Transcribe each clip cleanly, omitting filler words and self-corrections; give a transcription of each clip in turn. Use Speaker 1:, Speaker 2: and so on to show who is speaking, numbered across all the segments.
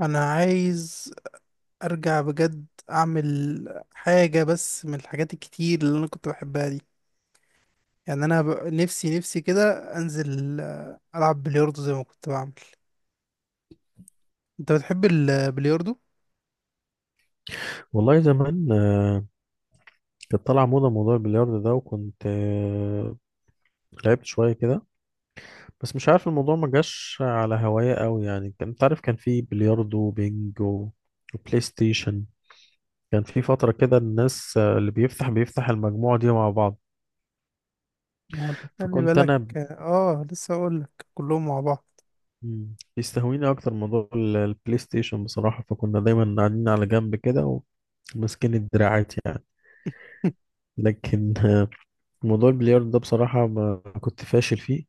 Speaker 1: انا عايز ارجع بجد اعمل حاجة، بس من الحاجات الكتير اللي انا كنت بحبها دي. يعني انا نفسي نفسي كده، انزل العب بلياردو زي ما كنت بعمل. انت بتحب البلياردو؟
Speaker 2: والله زمان آه، كانت طالعة موضة موضوع البلياردو ده. وكنت لعبت شوية كده، بس مش عارف الموضوع ما جاش على هواية قوي يعني. كان انت عارف، كان في بلياردو وبينج وبلاي ستيشن. كان في فترة كده الناس اللي بيفتح المجموعة دي مع بعض.
Speaker 1: ما هو انت خلي
Speaker 2: فكنت
Speaker 1: بالك،
Speaker 2: أنا
Speaker 1: لسه اقول لك كلهم مع بعض.
Speaker 2: بيستهويني أكتر موضوع البلاي ستيشن بصراحة، فكنا دايما قاعدين على جنب كده وماسكين الدراعات يعني. لكن موضوع البلياردو ده بصراحة ما كنت فاشل فيه.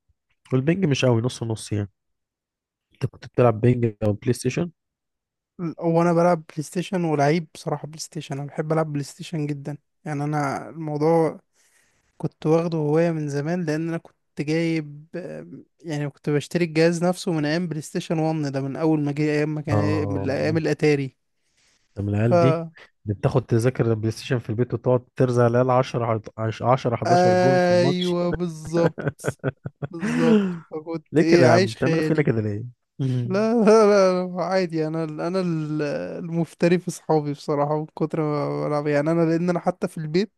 Speaker 2: والبنج مش قوي، نص ونص يعني. انت كنت بتلعب بنج او بلاي ستيشن؟
Speaker 1: هو انا بلعب بلاي ستيشن، ولعيب بصراحة بلاي ستيشن. انا بحب العب بلاي ستيشن جدا. يعني انا الموضوع كنت واخده هواية من زمان، لأن أنا كنت جايب يعني كنت بشتري الجهاز نفسه من أيام بلاي ستيشن 1 ده، من أول ما جه، أيام ما كان
Speaker 2: اه،
Speaker 1: من أيام الأتاري.
Speaker 2: انت من
Speaker 1: ف
Speaker 2: العيال دي اللي بتاخد تذاكر البلاي ستيشن في البيت وتقعد ترزع العيال 10 10 11 جول في الماتش؟
Speaker 1: أيوه، بالظبط بالظبط. فكنت
Speaker 2: ليه كده
Speaker 1: إيه
Speaker 2: يا عم،
Speaker 1: عايش
Speaker 2: بتعملوا فينا
Speaker 1: خيالي.
Speaker 2: كده ليه؟ مم.
Speaker 1: لا لا لا لا، عادي. المفتري في صحابي بصراحة من كتر ما بلعب يعني، أنا، لأن أنا حتى في البيت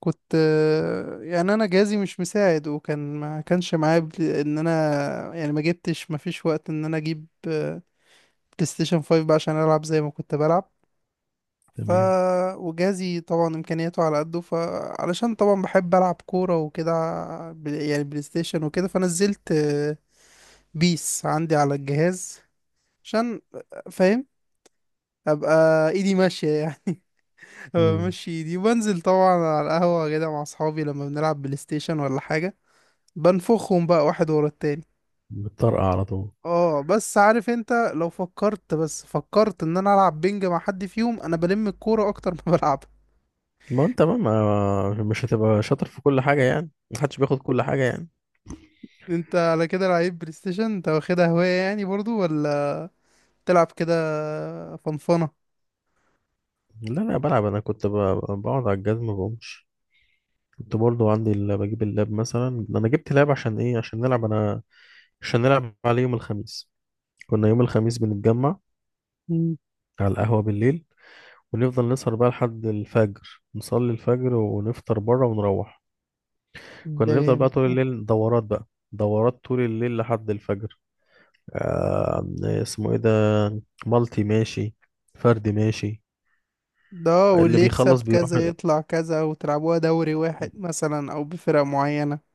Speaker 1: كنت يعني انا جهازي مش مساعد، وكان ما كانش معايا ان انا، يعني ما جبتش، ما فيش وقت ان انا اجيب بلاي ستيشن 5 بقى عشان العب زي ما كنت بلعب. ف
Speaker 2: تمام.
Speaker 1: وجهازي طبعا امكانياته على قده، فعلشان طبعا بحب العب كوره وكده يعني بلاي ستيشن وكده، فنزلت بيس عندي على الجهاز، عشان فاهم، ابقى ايدي ماشيه يعني.
Speaker 2: مم.
Speaker 1: بمشي ايدي، وبنزل طبعا على القهوه كده مع اصحابي لما بنلعب بلاي ستيشن ولا حاجه. بنفخهم بقى واحد ورا التاني.
Speaker 2: بتطرقع على طول.
Speaker 1: اه، بس عارف انت لو فكرت، بس فكرت ان انا العب بينج مع حد فيهم، انا بلم الكورة اكتر ما بلعبها.
Speaker 2: ما انت مش هتبقى شاطر في كل حاجة يعني، محدش بياخد كل حاجة يعني.
Speaker 1: انت على كده لعيب بلاي ستيشن، انت واخدها هواية يعني برضو، ولا بتلعب كده فنفنة؟
Speaker 2: لا لا، بلعب. انا كنت بقعد على الجزمة ما بقومش. كنت برضو عندي بجيب اللاب، مثلا انا جبت لاب عشان ايه؟ عشان نلعب انا، عشان نلعب عليه يوم الخميس. كنا يوم الخميس بنتجمع
Speaker 1: مم.
Speaker 2: على القهوة بالليل، ونفضل نسهر بقى لحد الفجر، نصلي الفجر ونفطر بره ونروح.
Speaker 1: ده
Speaker 2: كنا نفضل بقى
Speaker 1: جامد
Speaker 2: طول
Speaker 1: ده.
Speaker 2: الليل دورات بقى، دورات طول الليل لحد الفجر. اسمه ايه ده؟ مالتي ماشي، فردي ماشي.
Speaker 1: ده
Speaker 2: اللي
Speaker 1: واللي يكسب
Speaker 2: بيخلص بيروح.
Speaker 1: كذا يطلع كذا، وتلعبوها دوري واحد مثلا او بفرق معينة.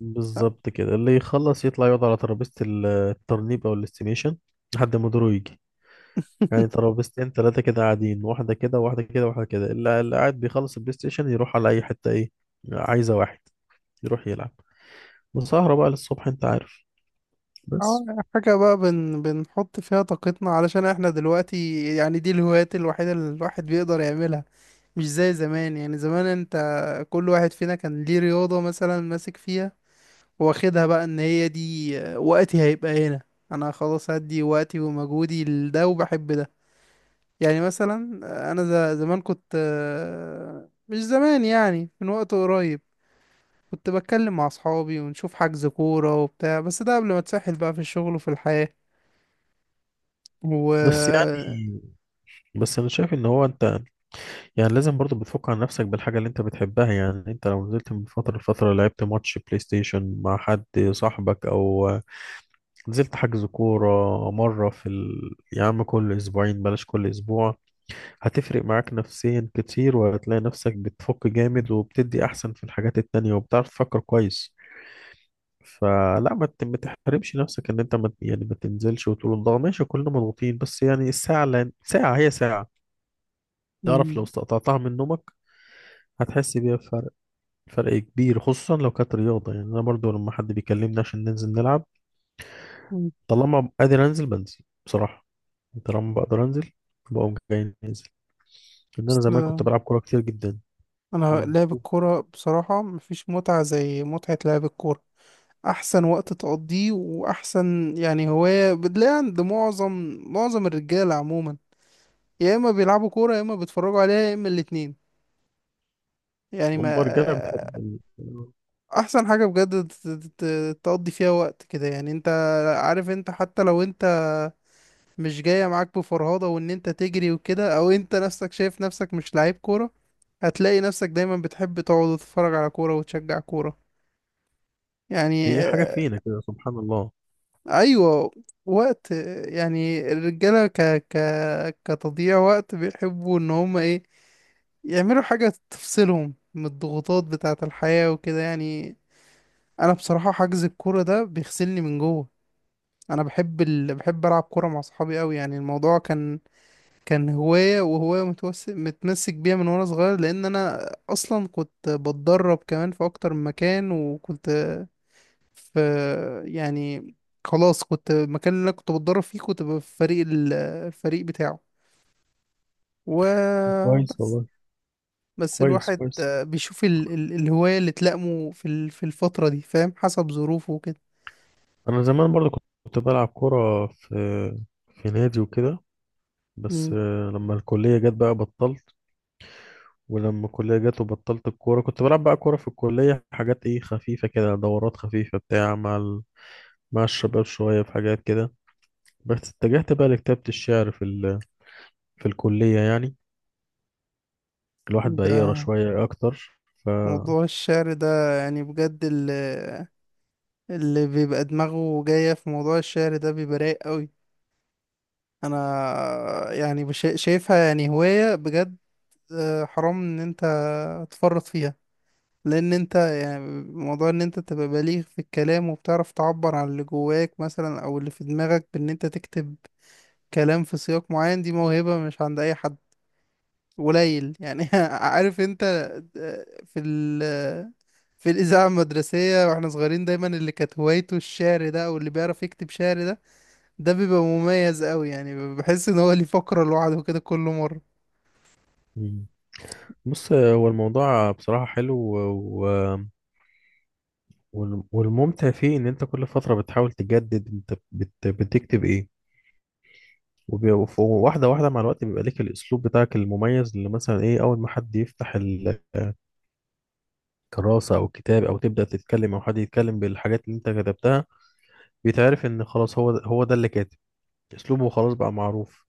Speaker 2: بالظبط كده، اللي يخلص يطلع يقعد على ترابيزة الترنيب او الاستيميشن لحد ما دوره يجي. يعني ترابيزتين ثلاثة كده قاعدين، واحدة كده واحدة كده واحدة كده، اللي قاعد بيخلص البلاي ستيشن يروح على أي حتة، إيه عايزة واحد يروح يلعب. وسهرة بقى للصبح، أنت عارف.
Speaker 1: اه.
Speaker 2: بس
Speaker 1: حاجة بقى بنحط فيها طاقتنا، علشان احنا دلوقتي يعني دي الهوايات الوحيدة اللي الواحد بيقدر يعملها. مش زي زمان. يعني زمان انت، كل واحد فينا كان ليه رياضة مثلا ماسك فيها، واخدها بقى ان هي دي، وقتي هيبقى هنا. انا خلاص هدي وقتي ومجهودي لده وبحب ده. يعني مثلا انا، زمان كنت مش زمان يعني، من وقت قريب كنت بتكلم مع اصحابي ونشوف حجز كورة وبتاع. بس ده قبل ما اتسحل بقى في الشغل وفي الحياة. و
Speaker 2: بس يعني بس أنا شايف إن هو أنت يعني لازم برضو بتفك عن نفسك بالحاجة اللي أنت بتحبها يعني. أنت لو نزلت من فترة لفترة لعبت ماتش بلاي ستيشن مع حد، صاحبك أو نزلت حجز كورة مرة يا عم كل أسبوعين، بلاش كل أسبوع، هتفرق معاك نفسيا كتير، وهتلاقي نفسك بتفك جامد، وبتدي احسن في الحاجات التانية، وبتعرف تفكر كويس. فلا ما تحرمش نفسك ان انت ما يعني ما تنزلش وتقول الله ماشي كلنا مضغوطين. بس يعني الساعة، لان ساعة هي ساعة، تعرف لو
Speaker 1: م-
Speaker 2: استقطعتها من نومك هتحس بيها بفرق، فرق كبير، خصوصا لو كانت رياضة. يعني انا برضو لما حد بيكلمني عشان ننزل نلعب،
Speaker 1: م-
Speaker 2: طالما قادر انزل بنزل بصراحة. طالما بقدر انزل بقوم جاي نازل، لان انا
Speaker 1: أصل
Speaker 2: زمان كنت بلعب كورة كتير جدا.
Speaker 1: انا
Speaker 2: مم.
Speaker 1: لعب الكورة بصراحة مفيش متعة زي متعة لعب الكورة. احسن وقت تقضيه، واحسن يعني هواية بتلاقيها عند معظم معظم الرجالة عموما. يا اما بيلعبوا كورة، يا اما بيتفرجوا عليها، يا اما الاتنين يعني.
Speaker 2: أم
Speaker 1: ما
Speaker 2: الرجالة بتحب
Speaker 1: احسن حاجة بجد تقضي فيها وقت كده. يعني انت عارف، انت حتى لو انت مش جاية معاك بفرهضة وان انت تجري وكده، او انت نفسك شايف نفسك مش لعيب كورة، هتلاقي نفسك دايما بتحب تقعد وتتفرج على كورة وتشجع كورة يعني.
Speaker 2: هي حاجة فينا كده، سبحان الله.
Speaker 1: ايوه. وقت يعني الرجاله ك ك كتضييع وقت بيحبوا ان هم ايه، يعملوا حاجه تفصلهم من الضغوطات بتاعه الحياه وكده يعني. انا بصراحه حجز الكوره ده بيغسلني من جوه. انا بحب بحب العب كوره مع صحابي قوي. يعني الموضوع كان، كان هوايه وهوايه متمسك بيها من وانا صغير، لان انا اصلا كنت بتدرب كمان في اكتر من مكان. وكنت، ف يعني خلاص كنت المكان اللي أنا كنت بتدرب فيه كنت ببقى في فريق الفريق بتاعه.
Speaker 2: كويس
Speaker 1: وبس.
Speaker 2: والله.
Speaker 1: بس
Speaker 2: كويس
Speaker 1: الواحد
Speaker 2: كويس.
Speaker 1: بيشوف الهواية اللي تلائمه في الفترة دي، فاهم، حسب ظروفه وكده.
Speaker 2: أنا زمان برضو كنت بلعب كرة في في نادي وكده، بس
Speaker 1: مم.
Speaker 2: لما الكلية جت بقى بطلت. ولما الكلية جت وبطلت الكورة، كنت بلعب بقى كورة في الكلية، حاجات إيه خفيفة كده، دورات خفيفة بتاع مع مع الشباب شوية، في حاجات كده. بس اتجهت بقى لكتابة الشعر في في الكلية يعني. الواحد بقى يقرا
Speaker 1: ده
Speaker 2: شوية أكتر. ف
Speaker 1: موضوع الشعر ده، يعني بجد اللي بيبقى دماغه جاية في موضوع الشعر ده بيبقى رايق قوي. انا يعني شايفها يعني هواية بجد. حرام ان انت تفرط فيها. لان انت، يعني موضوع ان انت تبقى بليغ في الكلام وبتعرف تعبر عن اللي جواك مثلا او اللي في دماغك بان انت تكتب كلام في سياق معين، دي موهبة مش عند اي حد، قليل يعني. عارف انت، آه، في ال في الإذاعة المدرسية واحنا صغيرين دايما اللي كانت هوايته الشعر ده، او اللي بيعرف يكتب شعر ده، ده بيبقى مميز قوي. يعني بحس ان هو ليه فقرة لوحده كده كل مرة.
Speaker 2: بص، هو الموضوع بصراحة حلو، و... والممتع فيه إن أنت كل فترة بتحاول تجدد أنت بتكتب إيه، وبي- وف- وواحدة واحدة مع الوقت بيبقى ليك الأسلوب بتاعك المميز، اللي مثلا إيه، أول ما حد يفتح الكراسة أو الكتاب أو تبدأ تتكلم أو حد يتكلم بالحاجات اللي أنت كتبتها، بيتعرف إن خلاص هو ده، هو ده اللي كاتب، أسلوبه خلاص بقى معروف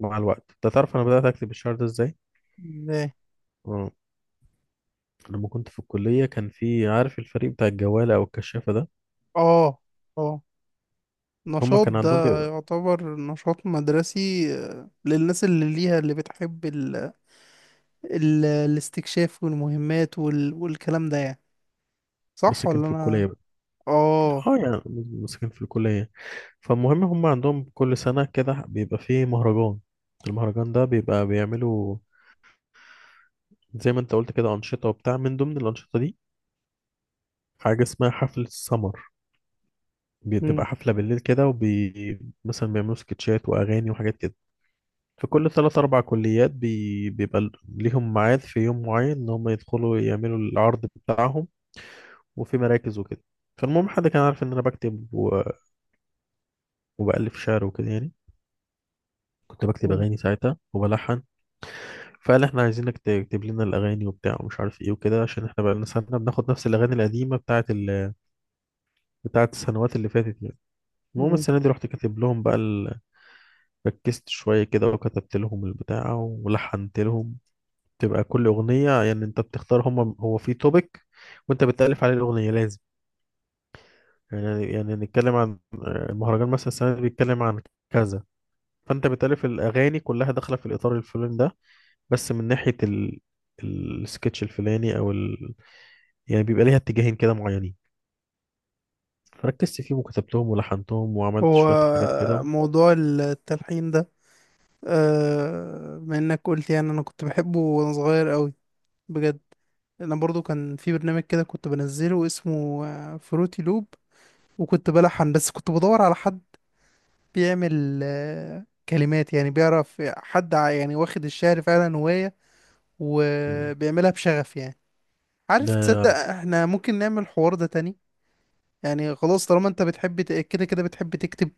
Speaker 2: مع الوقت. أنت تعرف أنا بدأت أكتب الشعر ده إزاي؟
Speaker 1: ازاي؟
Speaker 2: آه. لما كنت في الكلية كان في، عارف، الفريق بتاع الجوالة أو الكشافة ده؟
Speaker 1: اه اه،
Speaker 2: هما
Speaker 1: نشاط
Speaker 2: كان
Speaker 1: ده
Speaker 2: عندهم،
Speaker 1: يعتبر نشاط مدرسي للناس اللي ليها، اللي بتحب ال... الاستكشاف والمهمات والكلام ده يعني،
Speaker 2: بس
Speaker 1: صح
Speaker 2: كان
Speaker 1: ولا
Speaker 2: في
Speaker 1: انا؟
Speaker 2: الكلية بقى.
Speaker 1: اه.
Speaker 2: اه يعني، بس كان في الكلية. فالمهم، هم عندهم كل سنة كده بيبقى فيه مهرجان. المهرجان ده بيبقى بيعملوا زي ما انت قلت كده أنشطة وبتاع. من ضمن الأنشطة دي حاجة اسمها حفلة السمر،
Speaker 1: مم،
Speaker 2: بتبقى حفلة بالليل كده، وبي مثلا بيعملوا سكتشات وأغاني وحاجات كده. فكل ثلاث أربع كليات بيبقى ليهم ميعاد في يوم معين إن هم يدخلوا يعملوا العرض بتاعهم، وفي مراكز وكده. فالمهم، حد كان عارف إن أنا بكتب وبألف شعر وكده يعني، كنت بكتب
Speaker 1: مم،
Speaker 2: اغاني ساعتها وبلحن. فقال احنا عايزينك تكتب لنا الاغاني وبتاع ومش عارف ايه وكده، عشان احنا بقى لنا سنه بناخد نفس الاغاني القديمه بتاعه بتاعه السنوات اللي فاتت يعني. المهم
Speaker 1: مم.
Speaker 2: السنه دي رحت كاتب لهم بقى ال، ركزت شويه كده وكتبت لهم البتاع ولحنت لهم. تبقى كل اغنيه يعني انت بتختار، هم هو في توبيك وانت بتالف عليه الاغنيه، لازم يعني نتكلم عن المهرجان مثلا السنه دي بيتكلم عن كذا، فانت بتالف الاغاني كلها داخله في الاطار الفلاني ده، بس من ناحية السكتش الفلاني او يعني بيبقى ليها اتجاهين كده معينين. فركزت فيهم وكتبتهم ولحنتهم وعملت
Speaker 1: هو
Speaker 2: شوية حاجات كده و،
Speaker 1: موضوع التلحين ده، بما انك قلت، يعني انا كنت بحبه وانا صغير قوي بجد. انا برضو كان في برنامج كده كنت بنزله اسمه فروتي لوب. وكنت بلحن، بس كنت بدور على حد بيعمل كلمات، يعني بيعرف حد يعني واخد الشعر فعلا هواية
Speaker 2: مم.
Speaker 1: وبيعملها بشغف يعني. عارف،
Speaker 2: ده،
Speaker 1: تصدق احنا ممكن نعمل الحوار ده تاني؟ يعني خلاص، طالما انت بتحب كده كده بتحب تكتب،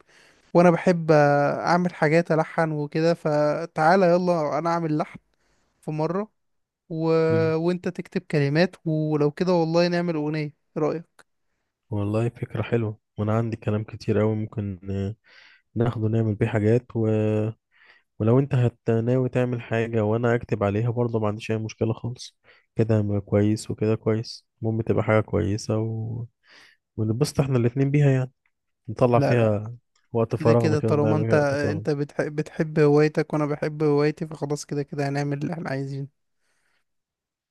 Speaker 1: وانا بحب اعمل حاجات الحن وكده، فتعالى يلا انا اعمل لحن في مرة، و...
Speaker 2: مم.
Speaker 1: وانت تكتب كلمات. ولو كده والله نعمل اغنية، ايه رأيك؟
Speaker 2: والله فكرة حلوة، وانا عندي كلام كتير قوي ممكن ناخده نعمل بيه حاجات. و... ولو انت ناوي تعمل حاجة وانا اكتب عليها برضه ما عنديش اي مشكلة خالص، كده هيبقى كويس، وكده كويس، المهم تبقى حاجة كويسة، و... ونبسط احنا الاتنين بيها يعني. نطلع
Speaker 1: لا لا،
Speaker 2: فيها وقت
Speaker 1: كده
Speaker 2: فراغنا
Speaker 1: كده
Speaker 2: كده، نضيع
Speaker 1: طالما انت،
Speaker 2: بيه وقت فراغنا.
Speaker 1: انت بتحب بتحب هوايتك وانا بحب هوايتي، فخلاص كده كده هنعمل اللي احنا عايزينه.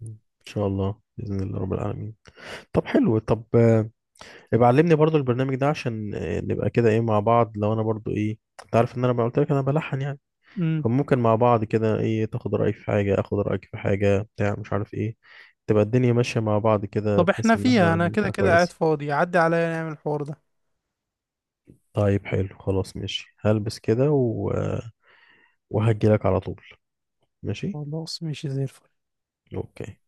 Speaker 2: ان شاء الله باذن الله رب العالمين. طب حلو، طب ابقى علمني برضو البرنامج ده، عشان نبقى كده ايه مع بعض. لو انا برضو ايه، انت عارف ان انا قلت لك انا بلحن يعني،
Speaker 1: امم.
Speaker 2: فممكن مع بعض كده ايه تاخد رايي في حاجه، اخد رايك في حاجه، بتاع مش عارف ايه، تبقى الدنيا ماشيه مع بعض كده،
Speaker 1: طب
Speaker 2: بحيث
Speaker 1: احنا
Speaker 2: ان احنا
Speaker 1: فيها، انا كده
Speaker 2: نبقى
Speaker 1: كده قاعد
Speaker 2: كويس.
Speaker 1: فاضي، عدي عليا نعمل الحوار ده.
Speaker 2: طيب حلو، خلاص ماشي، هلبس كده و... وهجي لك على طول. ماشي.
Speaker 1: خلاص ماشي زي الفل.
Speaker 2: اوكي.